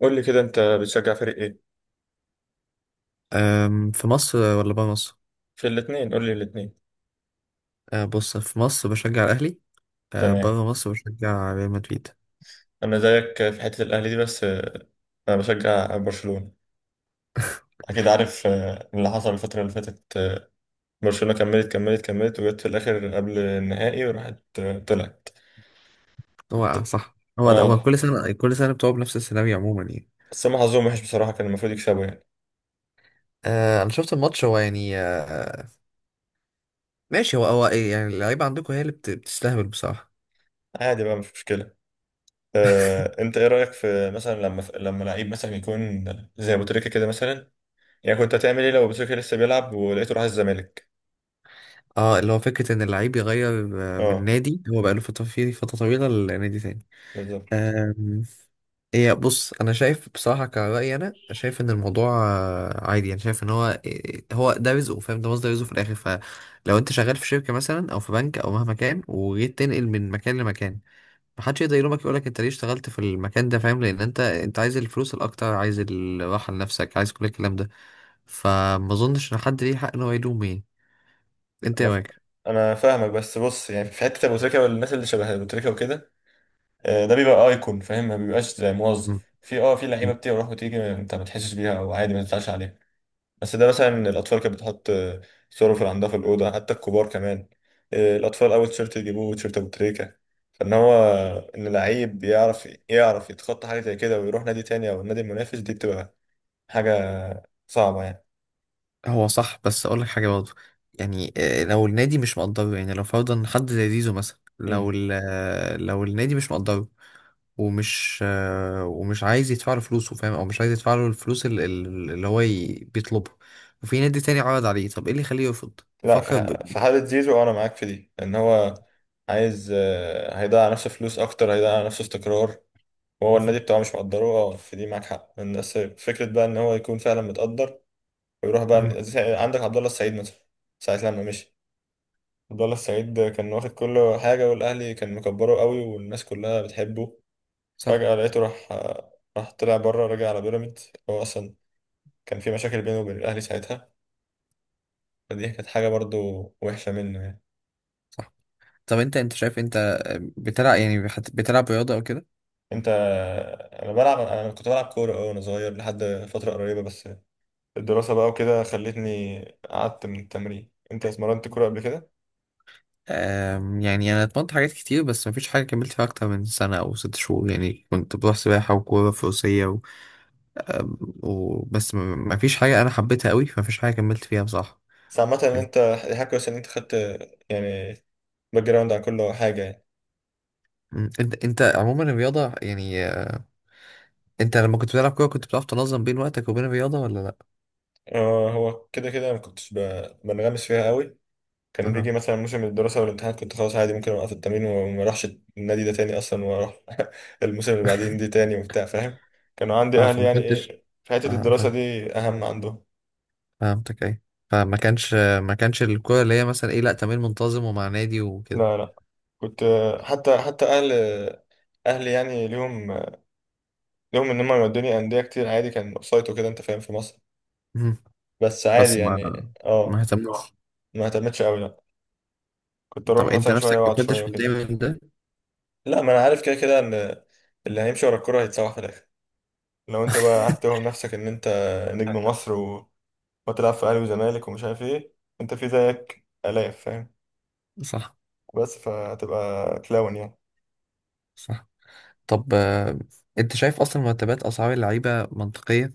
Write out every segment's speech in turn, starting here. قول لي كده، انت بتشجع فريق ايه؟ في مصر ولا بره مصر؟ في الاثنين، قول لي الاثنين. بص، في مصر بشجع الأهلي. تمام. بره مصر بشجع ريال مدريد. انا زيك في حتة الاهلي دي، بس انا بشجع برشلونة. اكيد عارف اللي حصل الفترة اللي فاتت. برشلونة كملت وجت في الاخر قبل النهائي وراحت، طلعت. هو ط- صح هو ده هو اه، كل سنة كل سنة بتقعد بنفس السيناريو عموما يعني. بس هم حظهم وحش بصراحة، كان المفروض يكسبوا يعني. أنا شفت الماتش، هو يعني ماشي. هو إيه يعني، اللعيبة عندكم هي اللي بتستهبل بصراحة. عادي بقى، مش مشكلة. انت ايه رأيك في مثلا لما لعيب مثلا يكون زي ابو تريكة كده مثلا؟ يعني كنت هتعمل ايه لو ابو تريكة لسه بيلعب ولقيته راح الزمالك؟ اه، اللي هو فكرة إن اللعيب يغير من اه، نادي هو بقاله فترة، فيه فترة طويلة، لنادي تاني. بالظبط. هي بص، انا شايف بصراحه، كرايي انا شايف ان الموضوع عادي يعني. شايف ان هو هو ده رزقه، فاهم؟ ده مصدر رزقه في الاخر. فلو انت شغال في شركه مثلا او في بنك او مهما كان، وجيت تنقل من مكان لمكان، محدش يقدر يلومك، يقول لك انت ليه اشتغلت في المكان ده؟ فاهم، لان انت عايز الفلوس الاكتر، عايز الراحه لنفسك، عايز كل الكلام ده. فما اظنش ان حد ليه حق ان هو يلوم ايه انت انا ف... يا انا فاهمك، بس بص، يعني في حته ابو تريكه والناس اللي شبه ابو تريكه وكده، ده بيبقى ايكون فاهم، ما بيبقاش زي راجل. موظف. في لعيبه بتروح وتيجي، انت ما تحسش بيها او عادي ما تزعلش عليها. بس ده مثلا الاطفال كانت بتحط صوره في عندها في الاوضه، حتى الكبار كمان. الاطفال اول تيشيرت يجيبوه تيشيرت ابو تريكه. فان هو ان لعيب يعرف يتخطى حاجه زي كده ويروح نادي تاني او النادي المنافس، دي بتبقى حاجه صعبه هو صح، بس اقول لك حاجه برضه. يعني لو النادي مش مقدره، يعني لو فرضا حد زي زيزو مثلا، لو يعني. ال- آه، لو النادي مش مقدره ومش ومش عايز يدفع له فلوسه، فاهم؟ او مش عايز يدفع له الفلوس اللي هو بيطلبها، وفي نادي تاني عرض عليه، طب ايه اللي يخليه يرفض لا، يفكر في ب... في حالة زيزو، أنا معاك في دي لأن هو عايز، هيضيع على نفسه فلوس أكتر، هيضيع على نفسه استقرار، وهو مهم. النادي بتاعه مش مقدره. في دي معاك حق، الناس فكرة بقى إن هو يكون فعلا متقدر ويروح مهم. بقى عندك عبد الله السعيد مثلا. ساعة لما مشي عبد الله السعيد، كان واخد كل حاجة، والأهلي كان مكبره قوي، والناس كلها بتحبه. صح. فجأة لقيته راح، طلع بره، راجع على بيراميدز. هو أصلا كان في مشاكل بينه وبين الأهلي ساعتها، فدي كانت حاجة برضو وحشة منه يعني. صح. طب انت شايف، انت بتلعب يعني بتلعب رياضه او كده؟ انت، انا كنت بلعب كوره وانا صغير لحد فتره قريبه، بس الدراسه بقى وكده خلتني قعدت من التمرين. انت اتمرنت كوره قبل كده؟ يعني انا اتمرنت حاجات كتير بس مفيش حاجه كملت فيها اكتر من سنه او ست شهور. يعني كنت بروح سباحه وكوره، فروسيه، وبس. مفيش حاجة أنا حبيتها قوي، فمفيش حاجة كملت فيها بصراحة. بس عامه ان كان انت حاجه كويسه ان انت خدت يعني باك جراوند عن كل حاجه يعني. مم. أنت عموما الرياضة يعني، أنت لما كنت بتلعب كورة، كنت بتعرف تنظم بين وقتك وبين الرياضة ولا لأ؟ اه، هو كده كده ما كنتش بنغمس فيها قوي. كان بيجي أها. مثلا موسم الدراسه والامتحانات، كنت خلاص عادي ممكن اوقف التمرين وما اروحش النادي ده تاني اصلا، واروح الموسم اللي بعدين دي تاني وبتاع، فاهم. كانوا عندي أه اهلي فما يعني كنتش. ايه، في حته أه الدراسه فاهم. دي اهم عندهم. فهمتك أي. فما كانش ما كانش الكورة اللي هي مثلا إيه، لأ، تمرين منتظم ومع نادي وكده. لا، لا، كنت حتى اهلي يعني ليهم، ليهم ان هم يودوني انديه كتير عادي، كان اوفسايد وكده، انت فاهم، في مصر. مم. بس عادي بس ما، يعني ما اه. اهتمتش. ما اهتمتش قوي لا. كنت طب اروح أنت مثلا شويه نفسك ما واقعد شويه كنتش وكده. متضايق من ده؟ لا، ما انا عارف كده كده ان اللي هيمشي ورا الكوره هيتسوح في الاخر. لو انت بقى قعدت توهم نفسك ان انت نجم مصر وتلعب في اهلي وزمالك ومش عارف ايه، انت في زيك الاف، فاهم؟ صح. بس فهتبقى كلاون يعني. صح. طب أنت شايف أصلا مرتبات أسعار اللعيبة منطقية؟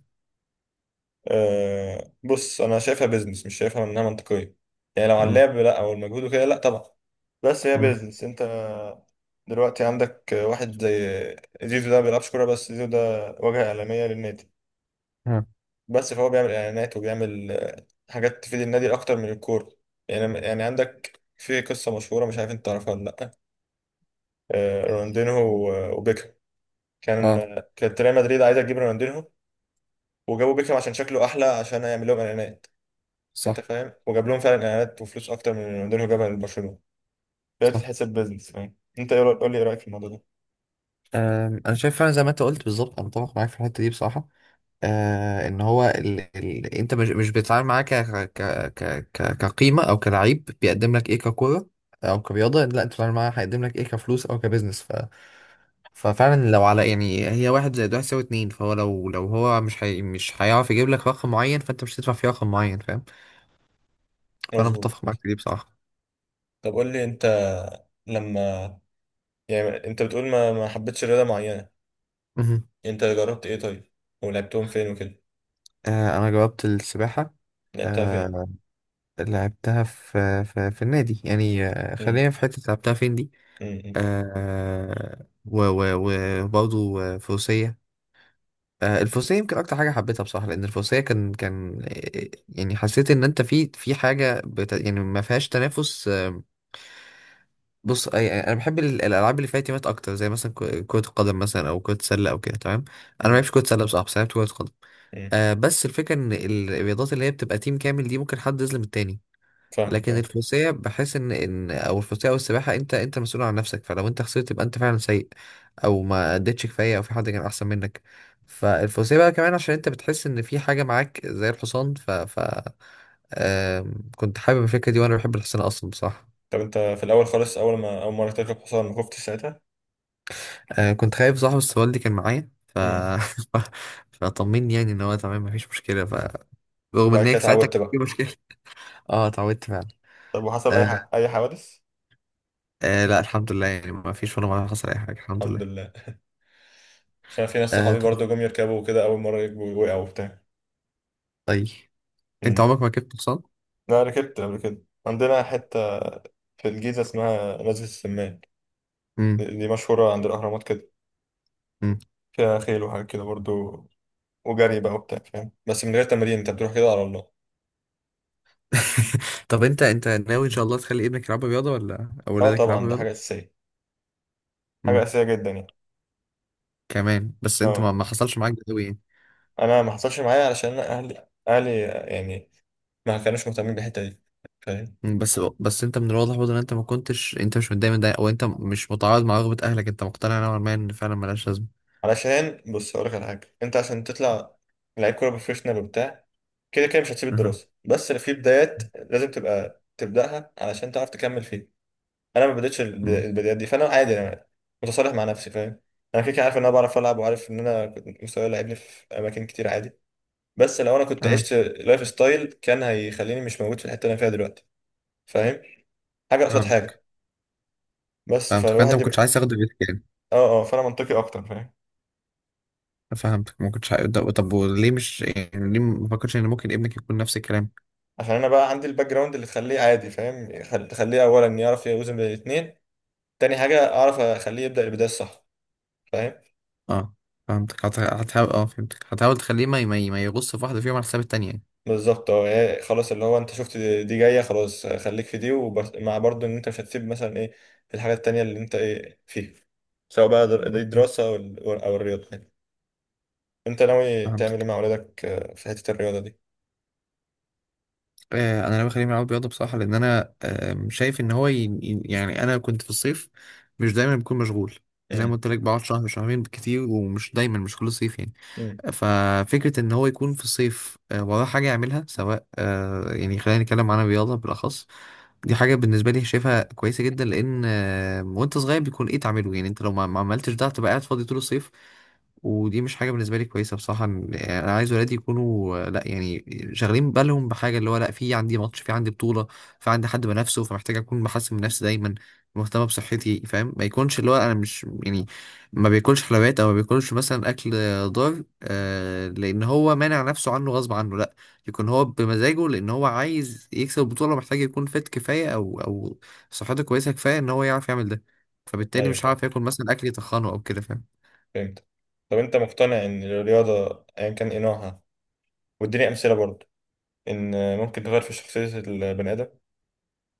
أه، بص، انا شايفها بيزنس، مش شايفها انها منطقيه. يعني لو على مم. اللعب، لا، او المجهود وكده، لا طبعا. بس هي بيزنس. انت دلوقتي عندك واحد زي زيزو، ده ما بيلعبش كوره، بس زيزو ده واجهه اعلاميه للنادي. مم. بس فهو بيعمل اعلانات وبيعمل حاجات تفيد النادي اكتر من الكوره يعني عندك في قصه مشهوره، مش عارف انت تعرفها ولا لا. رونالدينهو وبيكهام. كان اه. كانت ريال مدريد عايزه تجيب رونالدينهو، وجابوا بيكهام عشان شكله احلى عشان يعمل لهم اعلانات. انت صح. فاهم، وجاب لهم فعلا اعلانات وفلوس اكتر من اللي رونالدينيو جابها لبرشلونه. فهي صح. بتتحسب بيزنس، فاهم. انت ايه قول لي ايه رايك في الموضوع ده؟ انا شايف فعلا زي ما انت قلت بالظبط، انا متفق معاك في الحته دي بصراحه. آه ان هو ال... ال... انت مش بتتعامل معاه ك... ك... ك... ك... كقيمه او كلعيب بيقدم لك ايه ككوره او كرياضه، لا، انت بتتعامل معاه هيقدم لك ايه كفلوس او كبزنس، ف... ففعلا لو على يعني، هي واحد زائد واحد يساوي اتنين، فهو لو هو مش هي... مش هيعرف يجيب لك رقم معين، فانت مش هتدفع فيه رقم معين، فاهم. فانا مظبوط. متفق معاك في دي بصراحه. طب قول لي انت، لما، يعني انت بتقول ما حبيتش رياضه معينه، مهم. انت جربت ايه طيب ولعبتهم فين وكده؟ آه انا جاوبت السباحه. لعبتها فين؟ آه، لعبتها في النادي يعني امم. خلينا في حتة لعبتها فين دي. امم. آه و وبرضه فروسية. آه، الفروسية يمكن أكتر حاجة حبيتها بصراحة، لأن الفروسية كان يعني حسيت إن أنت في في حاجة بت يعني ما فيهاش تنافس بص يعني أنا بحب الألعاب اللي فيها تيمات أكتر، زي مثلا كرة القدم مثلا، أو كرة السلة، أو كده تمام. أنا ما امم. بحبش كرة السلة بصراحة، بس لعبت كرة قدم. امم. آه بس الفكرة إن الرياضات اللي هي بتبقى تيم كامل دي ممكن حد يظلم التاني. فاهمك، لكن اه. الفروسية بحس ان او الفروسية او السباحة، انت مسؤول عن نفسك، فلو انت خسرت يبقى انت فعلا سيء، او ما اديتش كفاية، او في حد كان احسن منك. فالفروسية بقى كمان عشان انت بتحس ان في حاجة معاك زي الحصان، كنت حابب الفكرة دي، وانا بحب الحصان اصلا بصراحة. طب انت في الاول خالص، اول مره تركب حصان ما خفتش ساعتها؟ كنت خايف صاحب، بس والدي كان معايا ف امم. فطمني يعني ان هو تمام، مفيش مشكلة ف، رغم ان وبعد هي كده ساعتها كان اتعودت في بقى. مشكلة. اه، اتعودت فعلا. طب وحصل آه. اي حوادث؟ آه لا الحمد لله، يعني مفيش ولا مرة حصل اي حاجة، الحمد الحمد لله. لله، عشان في ناس آه صحابي طيب. برضو جم يركبوا وكده، اول مره يركبوا وقعوا وبتاع. طيب. انت عمرك ما ركبت حصان. أنا ركبت قبل كده، عندنا حتة في الجيزة اسمها نزلة السمان. دي امم. دي مشهورة عند الأهرامات كده، امم. فيها خيل وحاجات كده برضو، وجري بقى وبتاع، فاهم. بس من غير تمرين، أنت بتروح كده على الله. طب انت ناوي ان شاء الله تخلي ابنك يلعب رياضه، ولا أه، اولادك طبعا، يلعبوا ده حاجة رياضه؟ أساسية، حاجة امم. أساسية جدا يعني. كمان بس انت ما, أه، ما حصلش معاك ده قوي يعني. أنا ما حصلش معايا علشان أنا أهلي يعني ما كانوش مهتمين بالحتة دي، فاهم. مم. بس انت من الواضح برضه ان انت ما كنتش انت مش متضايق من ده، او انت مش متعارض مع رغبه اهلك، انت مقتنع نوعا ما ان فعلا ملهاش لازمه. علشان بص، هقولك على حاجة. أنت عشان تطلع لعيب كورة بروفيشنال وبتاع، كده كده مش هتسيب اها. الدراسة، بس في بدايات لازم تبقى تبدأها علشان تعرف تكمل فيها. انا ما بديتش امم. البدايات دي، فانا عادي، انا متصالح مع نفسي، فاهم. انا كده كده عارف ان انا بعرف العب، وعارف ان انا كنت مستواي لعبني في اماكن كتير عادي. بس لو انا كنت اه عشت لايف ستايل كان هيخليني مش موجود في الحته اللي انا فيها دلوقتي، فاهم. حاجه قصاد فهمتك. حاجه. بس فهمتك، فانت فالواحد ما كنتش يبقى، عايز تاخده بيتك يعني. اه، اه، فانا منطقي اكتر، فاهم. فهمتك ما كنتش عايز. طب، طب وليه مش يعني ليه ما فكرتش ان ممكن ابنك يكون نفس الكلام؟ عشان انا بقى عندي الباك جراوند اللي تخليه عادي، فاهم، تخليه اولا يعرف يوزن بين الاثنين، تاني حاجه اعرف اخليه يبدا البدايه الصح، فاهم. اه فهمتك، هتحاول. اه فهمتك، هتحاول تخليه ما يغص في واحدة فيهم على حساب التانية يعني. بالظبط، اه. يعني خلاص، اللي هو انت شفت دي جايه خلاص، خليك في دي، ومع برضه ان انت مش هتسيب مثلا ايه الحاجات التانية اللي انت ايه فيها، سواء بقى دي مهم. دراسه او الرياضه يعني. انت ناوي تعمل ايه فهمتك. مع اولادك في حته الرياضه دي؟ انا لو خليه يلعب رياضة بصراحة، لان انا شايف ان هو ي... يعني انا كنت في الصيف مش دايما بكون مشغول، زي ما امم. قلت لك بقعد شهر شهرين بالكتير، ومش دايما، مش كل صيف يعني. امم. ففكرة إن هو يكون في الصيف وراه حاجة يعملها، سواء يعني خلينا نتكلم عن الرياضة بالأخص، دي حاجة بالنسبة لي شايفها كويسة جدا، لأن وأنت صغير بيكون إيه تعمله، يعني أنت لو ما عملتش ده هتبقى قاعد فاضي طول الصيف، ودي مش حاجة بالنسبة لي كويسة بصراحة. إن- يعني أنا عايز ولادي يكونوا لأ يعني شاغلين بالهم بحاجة، اللي هو لأ، في عندي ماتش، في عندي بطولة، في عندي حد بنافسه، فمحتاج أكون بحسن من نفسي دايما، مهتمة بصحتي، فاهم؟ ما يكونش اللي هو أنا مش يعني ما بياكلش حلويات، أو ما بياكلش مثلا أكل ضار لان هو مانع نفسه عنه غصب عنه، لا، يكون هو بمزاجه، لان هو عايز يكسب البطوله، محتاج يكون فت كفايه، او او صحته كويسه كفايه ان هو يعرف يعمل ده. فبالتالي ايوه، مش فاهم. هعرف ياكل مثلا اكل يتخنه او كده، فاهم. فهمت. طب انت مقتنع ان الرياضه ايا كان ايه نوعها، واديني امثله برضه، ان ممكن تغير في شخصيه البني ادم؟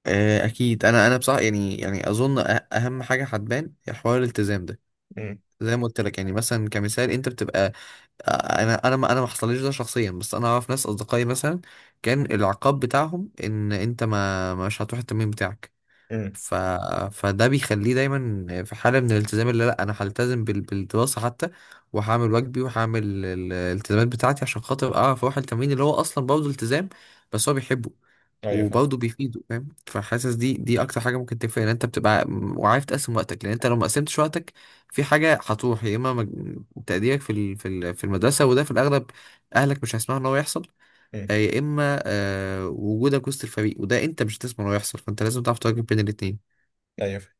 اكيد، انا بصراحه يعني يعني اظن اهم حاجه هتبان هي حوار الالتزام ده. امم. زي ما قلت لك يعني مثلا كمثال، انت بتبقى آه، انا ما حصلليش ده شخصيا، بس انا اعرف ناس اصدقائي مثلا كان العقاب بتاعهم ان انت ما مش هتروح التمرين بتاعك. امم. ف... فده بيخليه دايما في حالة من الالتزام اللي لا انا هلتزم بال... بالدراسة حتى، وهعمل واجبي، وهعمل الالتزامات بتاعتي عشان خاطر اعرف اروح التمرين اللي هو اصلا برضه التزام، بس هو بيحبه، ايوه، فاهم. وبرضه بيفيده، فاهم؟ فحاسس دي اكتر حاجة ممكن تفرق، ان انت بتبقى وعارف تقسم وقتك، لان انت لو ما قسمتش وقتك في حاجة هتروح، يا اما تقديرك في ال... في ال... في المدرسة، وده في الاغلب اهلك مش هيسمعوا ان هو يحصل، امم. يا اما وجودك وسط الفريق، وده انت مش هتسمع انه يحصل، فانت لازم تعرف تواجه بين الاتنين. ايوه، فاهم.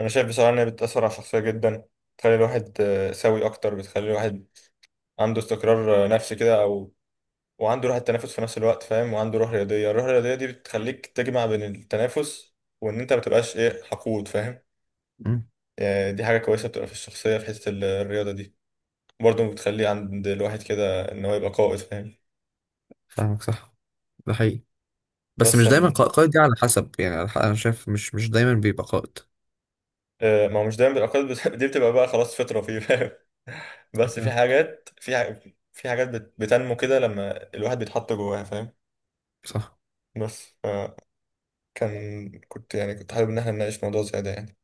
انا شايف بصراحه ان هي بتاثر على الشخصيه جدا، بتخلي الواحد سوي اكتر، بتخلي الواحد عنده استقرار نفسي كده، او وعنده روح التنافس في نفس الوقت، فاهم، وعنده روح رياضيه. الروح الرياضيه دي بتخليك تجمع بين التنافس وان انت ما تبقاش ايه حقود، فاهم. مم. يعني دي حاجه كويسه بتبقى في الشخصيه في حته الرياضه دي. برضه بتخلي عند الواحد كده ان هو يبقى قائد، فاهم. فاهمك صح، ده حقيقي. بس بس مش دايما أن- قائد، دي على حسب يعني، على انا شايف مش دايما بيبقى قائد، ما هو مش دايما بيبقى قائد بس دي بتبقى بقى خلاص فطره فيه، فاهم. بس في فاهم؟ حاجات في حاجات بتنمو كده لما الواحد بيتحط جواها، فاهم. صح. بس يعني كنت حابب ان احنا نناقش موضوع زي ده يعني.